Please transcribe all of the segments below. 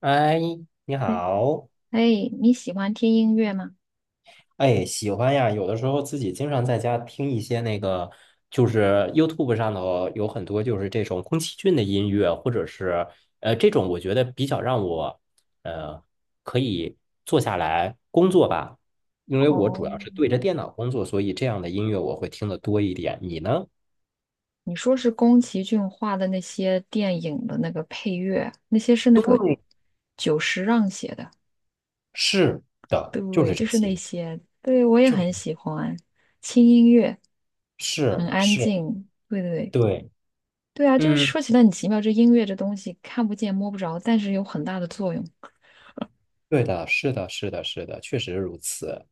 哎，你哎，好。哎，你喜欢听音乐吗？哎，喜欢呀。有的时候自己经常在家听一些那个，就是 YouTube 上头有很多就是这种宫崎骏的音乐，或者是这种，我觉得比较让我呃可以坐下来工作吧，因为我主哦，要是对着电脑工作，所以这样的音乐我会听的多一点。你呢？你说是宫崎骏画的那些电影的那个配乐，那些是那个对，久石让写的，是的，就对，是就这是那些，些，对，我也就是很喜欢，轻音乐，很是安是，静，对对对，对，对啊，就是嗯，说起来很奇妙，这音乐这东西看不见摸不着，但是有很大的作用。对的，是的，是的，是的，确实如此。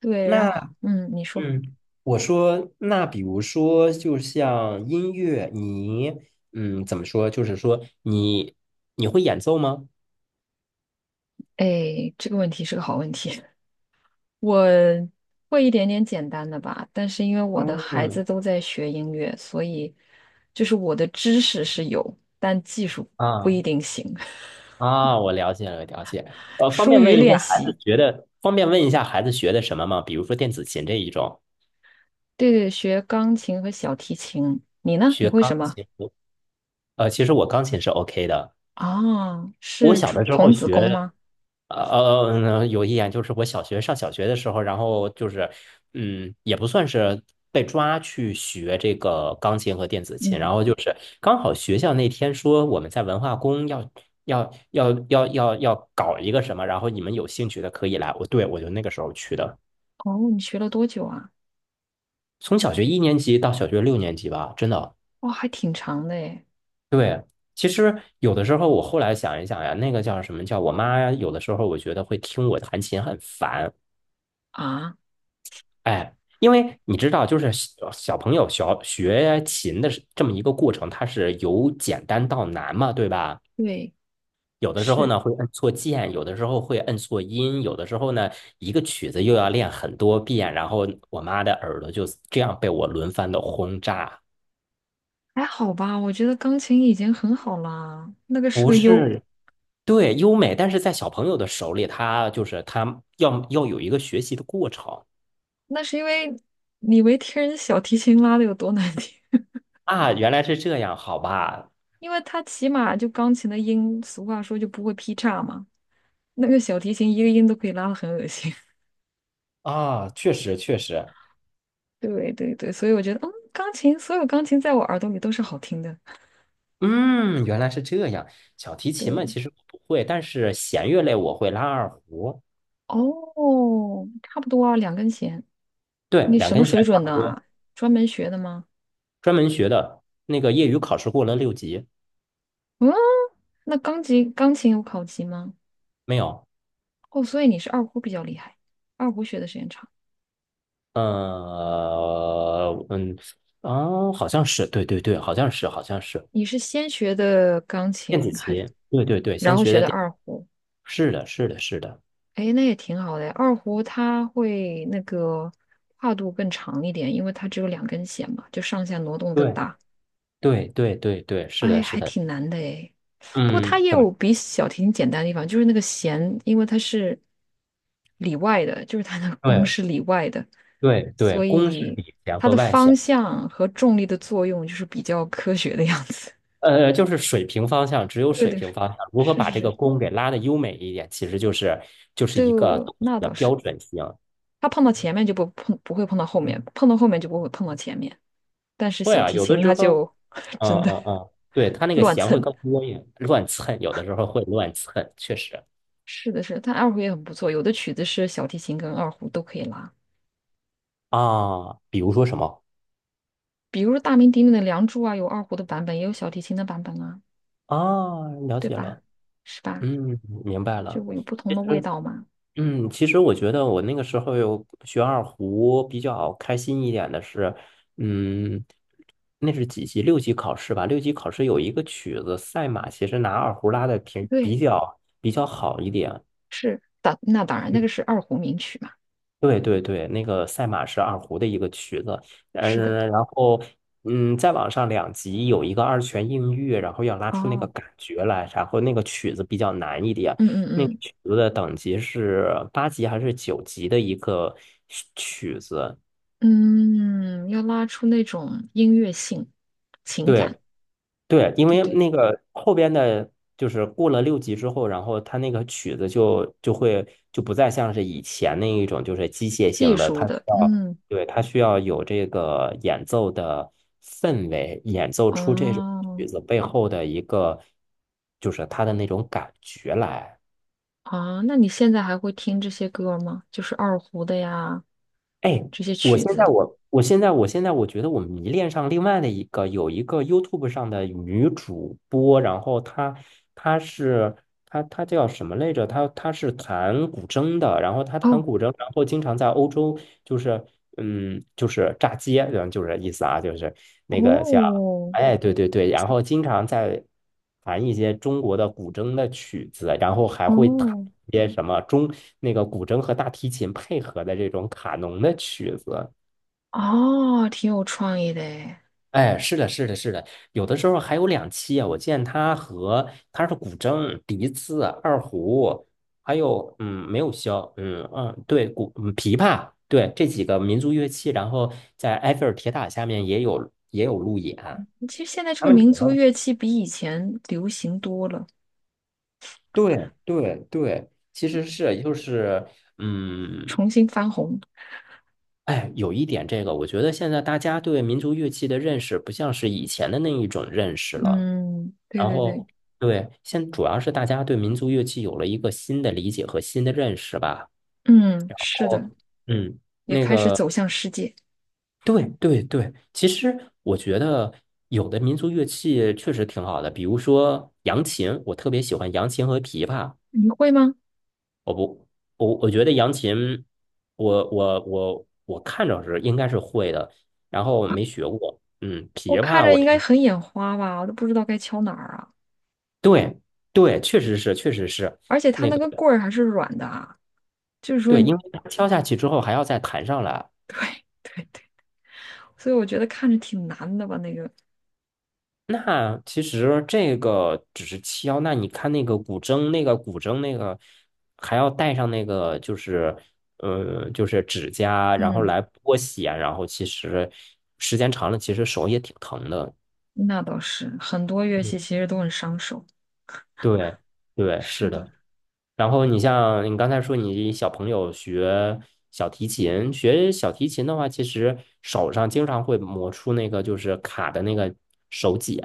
对，然后，那你说，嗯，我说，那比如说，就像音乐，你怎么说？就是说你你会演奏吗？哎，这个问题是个好问题。我会一点点简单的吧，但是因为我的孩子嗯都在学音乐，所以就是我的知识是有，但技术不一啊定行，啊，我了解了，了解。呃，方疏便问于一下，练孩子习。学的，方便问一下孩子学的什么吗？比如说电子琴这一种，对对，学钢琴和小提琴。你呢？你学会钢什么？琴。呃，其实我钢琴是 OK 的，啊，我是小竹的时候童子功学。吗？呃呃，有一点就是我小学上小学的时候，然后就是，嗯，也不算是被抓去学这个钢琴和电子琴，然嗯，后就是刚好学校那天说我们在文化宫要搞一个什么，然后你们有兴趣的可以来。我对我就那个时候去的，哦，你学了多久啊？从小学一年级到小学六年级吧，真的。哦，还挺长的诶。其实有的时候我后来想一想呀，那个叫什么叫我妈，有的时候我觉得会听我弹琴很烦。啊，哎，因为你知道，就是小朋友学琴的是这么一个过程，它是由简单到难嘛，对吧？对，有的时候是，呢会摁错键，有的时候会摁错音，有的时候呢一个曲子又要练很多遍，然后我妈的耳朵就这样被我轮番的轰炸。还好吧？我觉得钢琴已经很好啦，那个是不个优，是，对，优美，但是在小朋友的手里，他就是他要有一个学习的过程那是因为你没听人小提琴拉的有多难听。啊，原来是这样，好吧？因为它起码就钢琴的音，俗话说就不会劈叉嘛，那个小提琴一个音都可以拉的很恶心。啊，确实确实，对对对，所以我觉得，钢琴所有钢琴在我耳朵里都是好听的。嗯，原来是这样。小提对，琴嘛，其实我不会，但是弦乐类我会拉二胡，哦，差不多啊，两根弦。对，你两什么根水弦差准不的多。啊？专门学的吗？专门学的，那个业余考试过了六级，嗯，那钢琴有考级吗？没有？哦，所以你是二胡比较厉害，二胡学的时间长。嗯嗯，哦，好像是，对对对，好像是，好像是你是先学的钢电子琴还是？琴，对对对，然先后学学的的电，二胡，是的，是的，是的，哎，那也挺好的二胡它会那个跨度更长一点，因为它只有两根弦嘛，就上下挪动更对大。对对对对，是的，哎，是还的，挺难的哎。不过它嗯，也怎么？有比小提琴简单的地方，就是那个弦，因为它是里外的，就是它的弓对是里外的，对对，所公是以里弦它和的外方弦。向和重力的作用就是比较科学的样子。就是水平方向，只有对水的，平方向，如何是把是这个是，弓给拉的优美一点，其实就是就是对，一个动作那的倒是。标准性。它碰到前面就不碰，不会碰到后面，碰到后面就不会碰到前面。但是会小啊，提有的琴时它候，就 嗯真的 嗯嗯，对，它那 个乱弦会蹭。更多一点，乱蹭，有的时候会乱蹭，确实是的是的，但二胡也很不错，有的曲子是小提琴跟二胡都可以拉，啊，比如说什么比如说大名鼎鼎的《梁祝》啊，有二胡的版本，也有小提琴的版本啊，啊，了对解吧？了，是吧？嗯，明白就了。有不同其的味实道嘛。其实我觉得我那个时候有学二胡比较开心一点的是，嗯，那是几级？六级考试吧。六级考试有一个曲子《赛马》，其实拿二胡拉的挺对，比较好一点。是那当然，那个是二胡名曲嘛。对对对，那个赛马是二胡的一个曲子，是的，嗯，然后嗯，再往上两级有一个二泉映月，然后要拉出那个哦，感觉来，然后那个曲子比较难一点，嗯那个嗯曲子的等级是八级还是九级的一个曲子？嗯嗯，要拉出那种音乐性、情感，对，对，因对为对。那个后边的，就是过了六级之后，然后他那个曲子就不再像是以前那一种，就是机械技性的，术它需的，要，嗯，对，它需要有这个演奏的氛围，演奏出这种曲哦，子背后的一个，就是它的那种感觉来。啊，那你现在还会听这些歌吗？就是二胡的呀，哎，这些我曲现在子。我我现在我现在我觉得我迷恋上另外的一个有一个 YouTube 上的女主播，然后她她是她她叫什么来着？她是弹古筝的，然后她弹哦，古筝，然后经常在欧洲就是就是炸街，就是意思啊，就是那个叫。哦，哎，对对对，然后经常在弹一些中国的古筝的曲子，然后还会弹哦，一些什么中那个古筝和大提琴配合的这种卡农的曲子。哦，挺有创意的诶。哎，是的，是的，是的，有的时候还有两期啊，我见他和他是古筝、笛子、二胡，还有嗯，没有箫，嗯嗯，对，古琵琶，对这几个民族乐器，然后在埃菲尔铁塔下面也有路演，其实现在这他个们民主族要。乐器比以前流行多了，对对对，其实是就是，嗯，重新翻红。哎，有一点这个，我觉得现在大家对民族乐器的认识不像是以前的那一种认识了。嗯，对然对对，后，对，现主要是大家对民族乐器有了一个新的理解和新的认识吧。嗯，是的，哦，嗯，也那开始个，走向世界。对对对，其实我觉得有的民族乐器确实挺好的，比如说扬琴，我特别喜欢扬琴和琵琶。你会吗？我不，我觉得扬琴，我看着是应该是会的，然后没学过。嗯，我琵看琶着我应该听，很眼花吧，我都不知道该敲哪儿啊。对对，确实是而且它那那个个棍儿还是软的啊。就是说，对，因为它敲下去之后还要再弹上来。对对对，所以我觉得看着挺难的吧，那个，那其实这个只是敲，那你看那个古筝，那个古筝那个还要带上那个就是就是指甲，然后嗯，来拨弦，然后其实时间长了，其实手也挺疼的。那倒是，很多乐器嗯其实都很伤手。对对，是是的，的。然后你像你刚才说，你小朋友学小提琴，学小提琴的话，其实手上经常会磨出那个就是卡的那个手茧。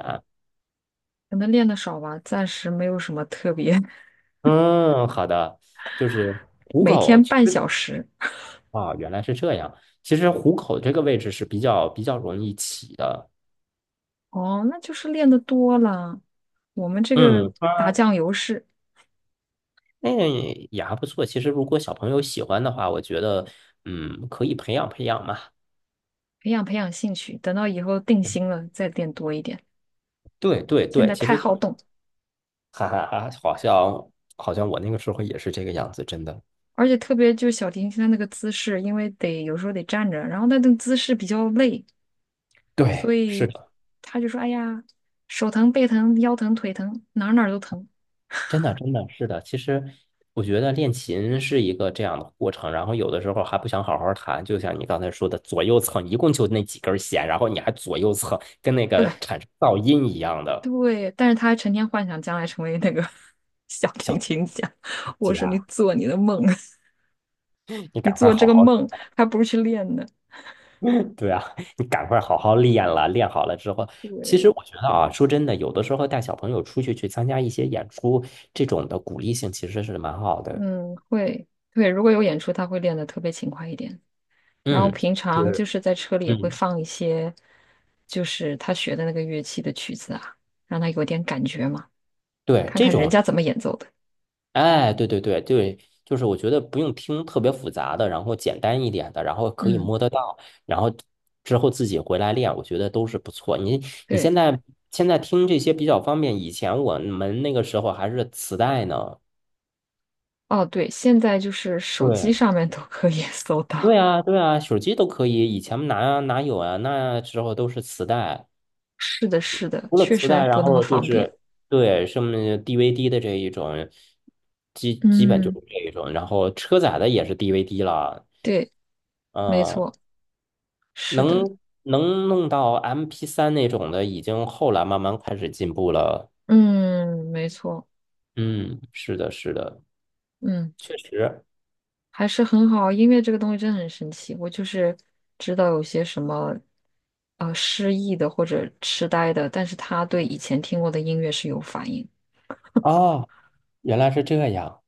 可能练的少吧，暂时没有什么特别，嗯，好的，就是虎每口，天其半实小时。啊，原来是这样。其实虎口这个位置是比较容易起的。哦，那就是练的多了。我们这个嗯，打酱油是那也也还不错。其实如果小朋友喜欢的话，我觉得嗯，可以培养培养嘛。培养培养兴趣，等到以后定嗯心了再练多一点。对对现对，在其太实。好动，哈哈哈，好像好像我那个时候也是这个样子，真的。而且特别就是小提琴它那个姿势，因为得有时候得站着，然后它那个姿势比较累，所对，是以的，他就说：“哎呀，手疼、背疼、腰疼、腿疼，哪儿哪儿都疼。”真的真的是的。其实我觉得练琴是一个这样的过程，然后有的时候还不想好好弹，就像你刚才说的，左右蹭，一共就那几根弦，然后你还左右蹭，跟那对个产生噪音一样的对，但是他还成天幻想将来成为那个 小小提指琴家。我说：“你甲，做你的梦，你 你赶快做这好个好，梦，还不如去练呢。” 对啊，你赶快好好练了，练好了之后，其实对，我觉得啊，说真的，有的时候带小朋友出去去参加一些演出，这种的鼓励性其实是蛮好的。嗯，会，对，如果有演出，他会练得特别勤快一点。然后嗯。平常就是，是在车里也会嗯，放一些，就是他学的那个乐器的曲子啊，让他有点感觉嘛，对，看这看人种，家怎么演奏的。哎，对对对对，就是我觉得不用听特别复杂的，然后简单一点的，然后可以嗯，摸得到，然后之后自己回来练，我觉得都是不错。你对。现在听这些比较方便，以前我们那个时候还是磁带呢。哦，对，现在就是手机对，上面都可以 搜对到。啊，对啊，手机都可以，以前哪有啊？那时候都是磁带。是的，是的，除了确磁实还带，然不那么后就方便。是对什么 DVD 的这一种，基本就嗯，是这一种，然后车载的也是 DVD 了，对，没嗯，错，是的，能弄到 MP3那种的，已经后来慢慢开始进步了。嗯，没错，嗯，是的，是的，嗯，确实。还是很好。音乐这个东西真的很神奇，我就是知道有些什么失忆的或者痴呆的，但是他对以前听过的音乐是有反应。哦，原来是这样，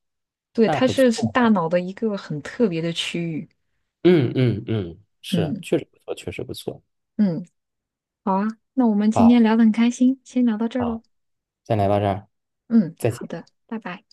对，那它不是大错。脑的一个很特别的区域。嗯嗯嗯，是，嗯确实不错，确实不错。嗯，好啊，那我们今好，天聊的很开心，先聊到这儿喽。好，先来到这儿，嗯，再好见。的，拜拜。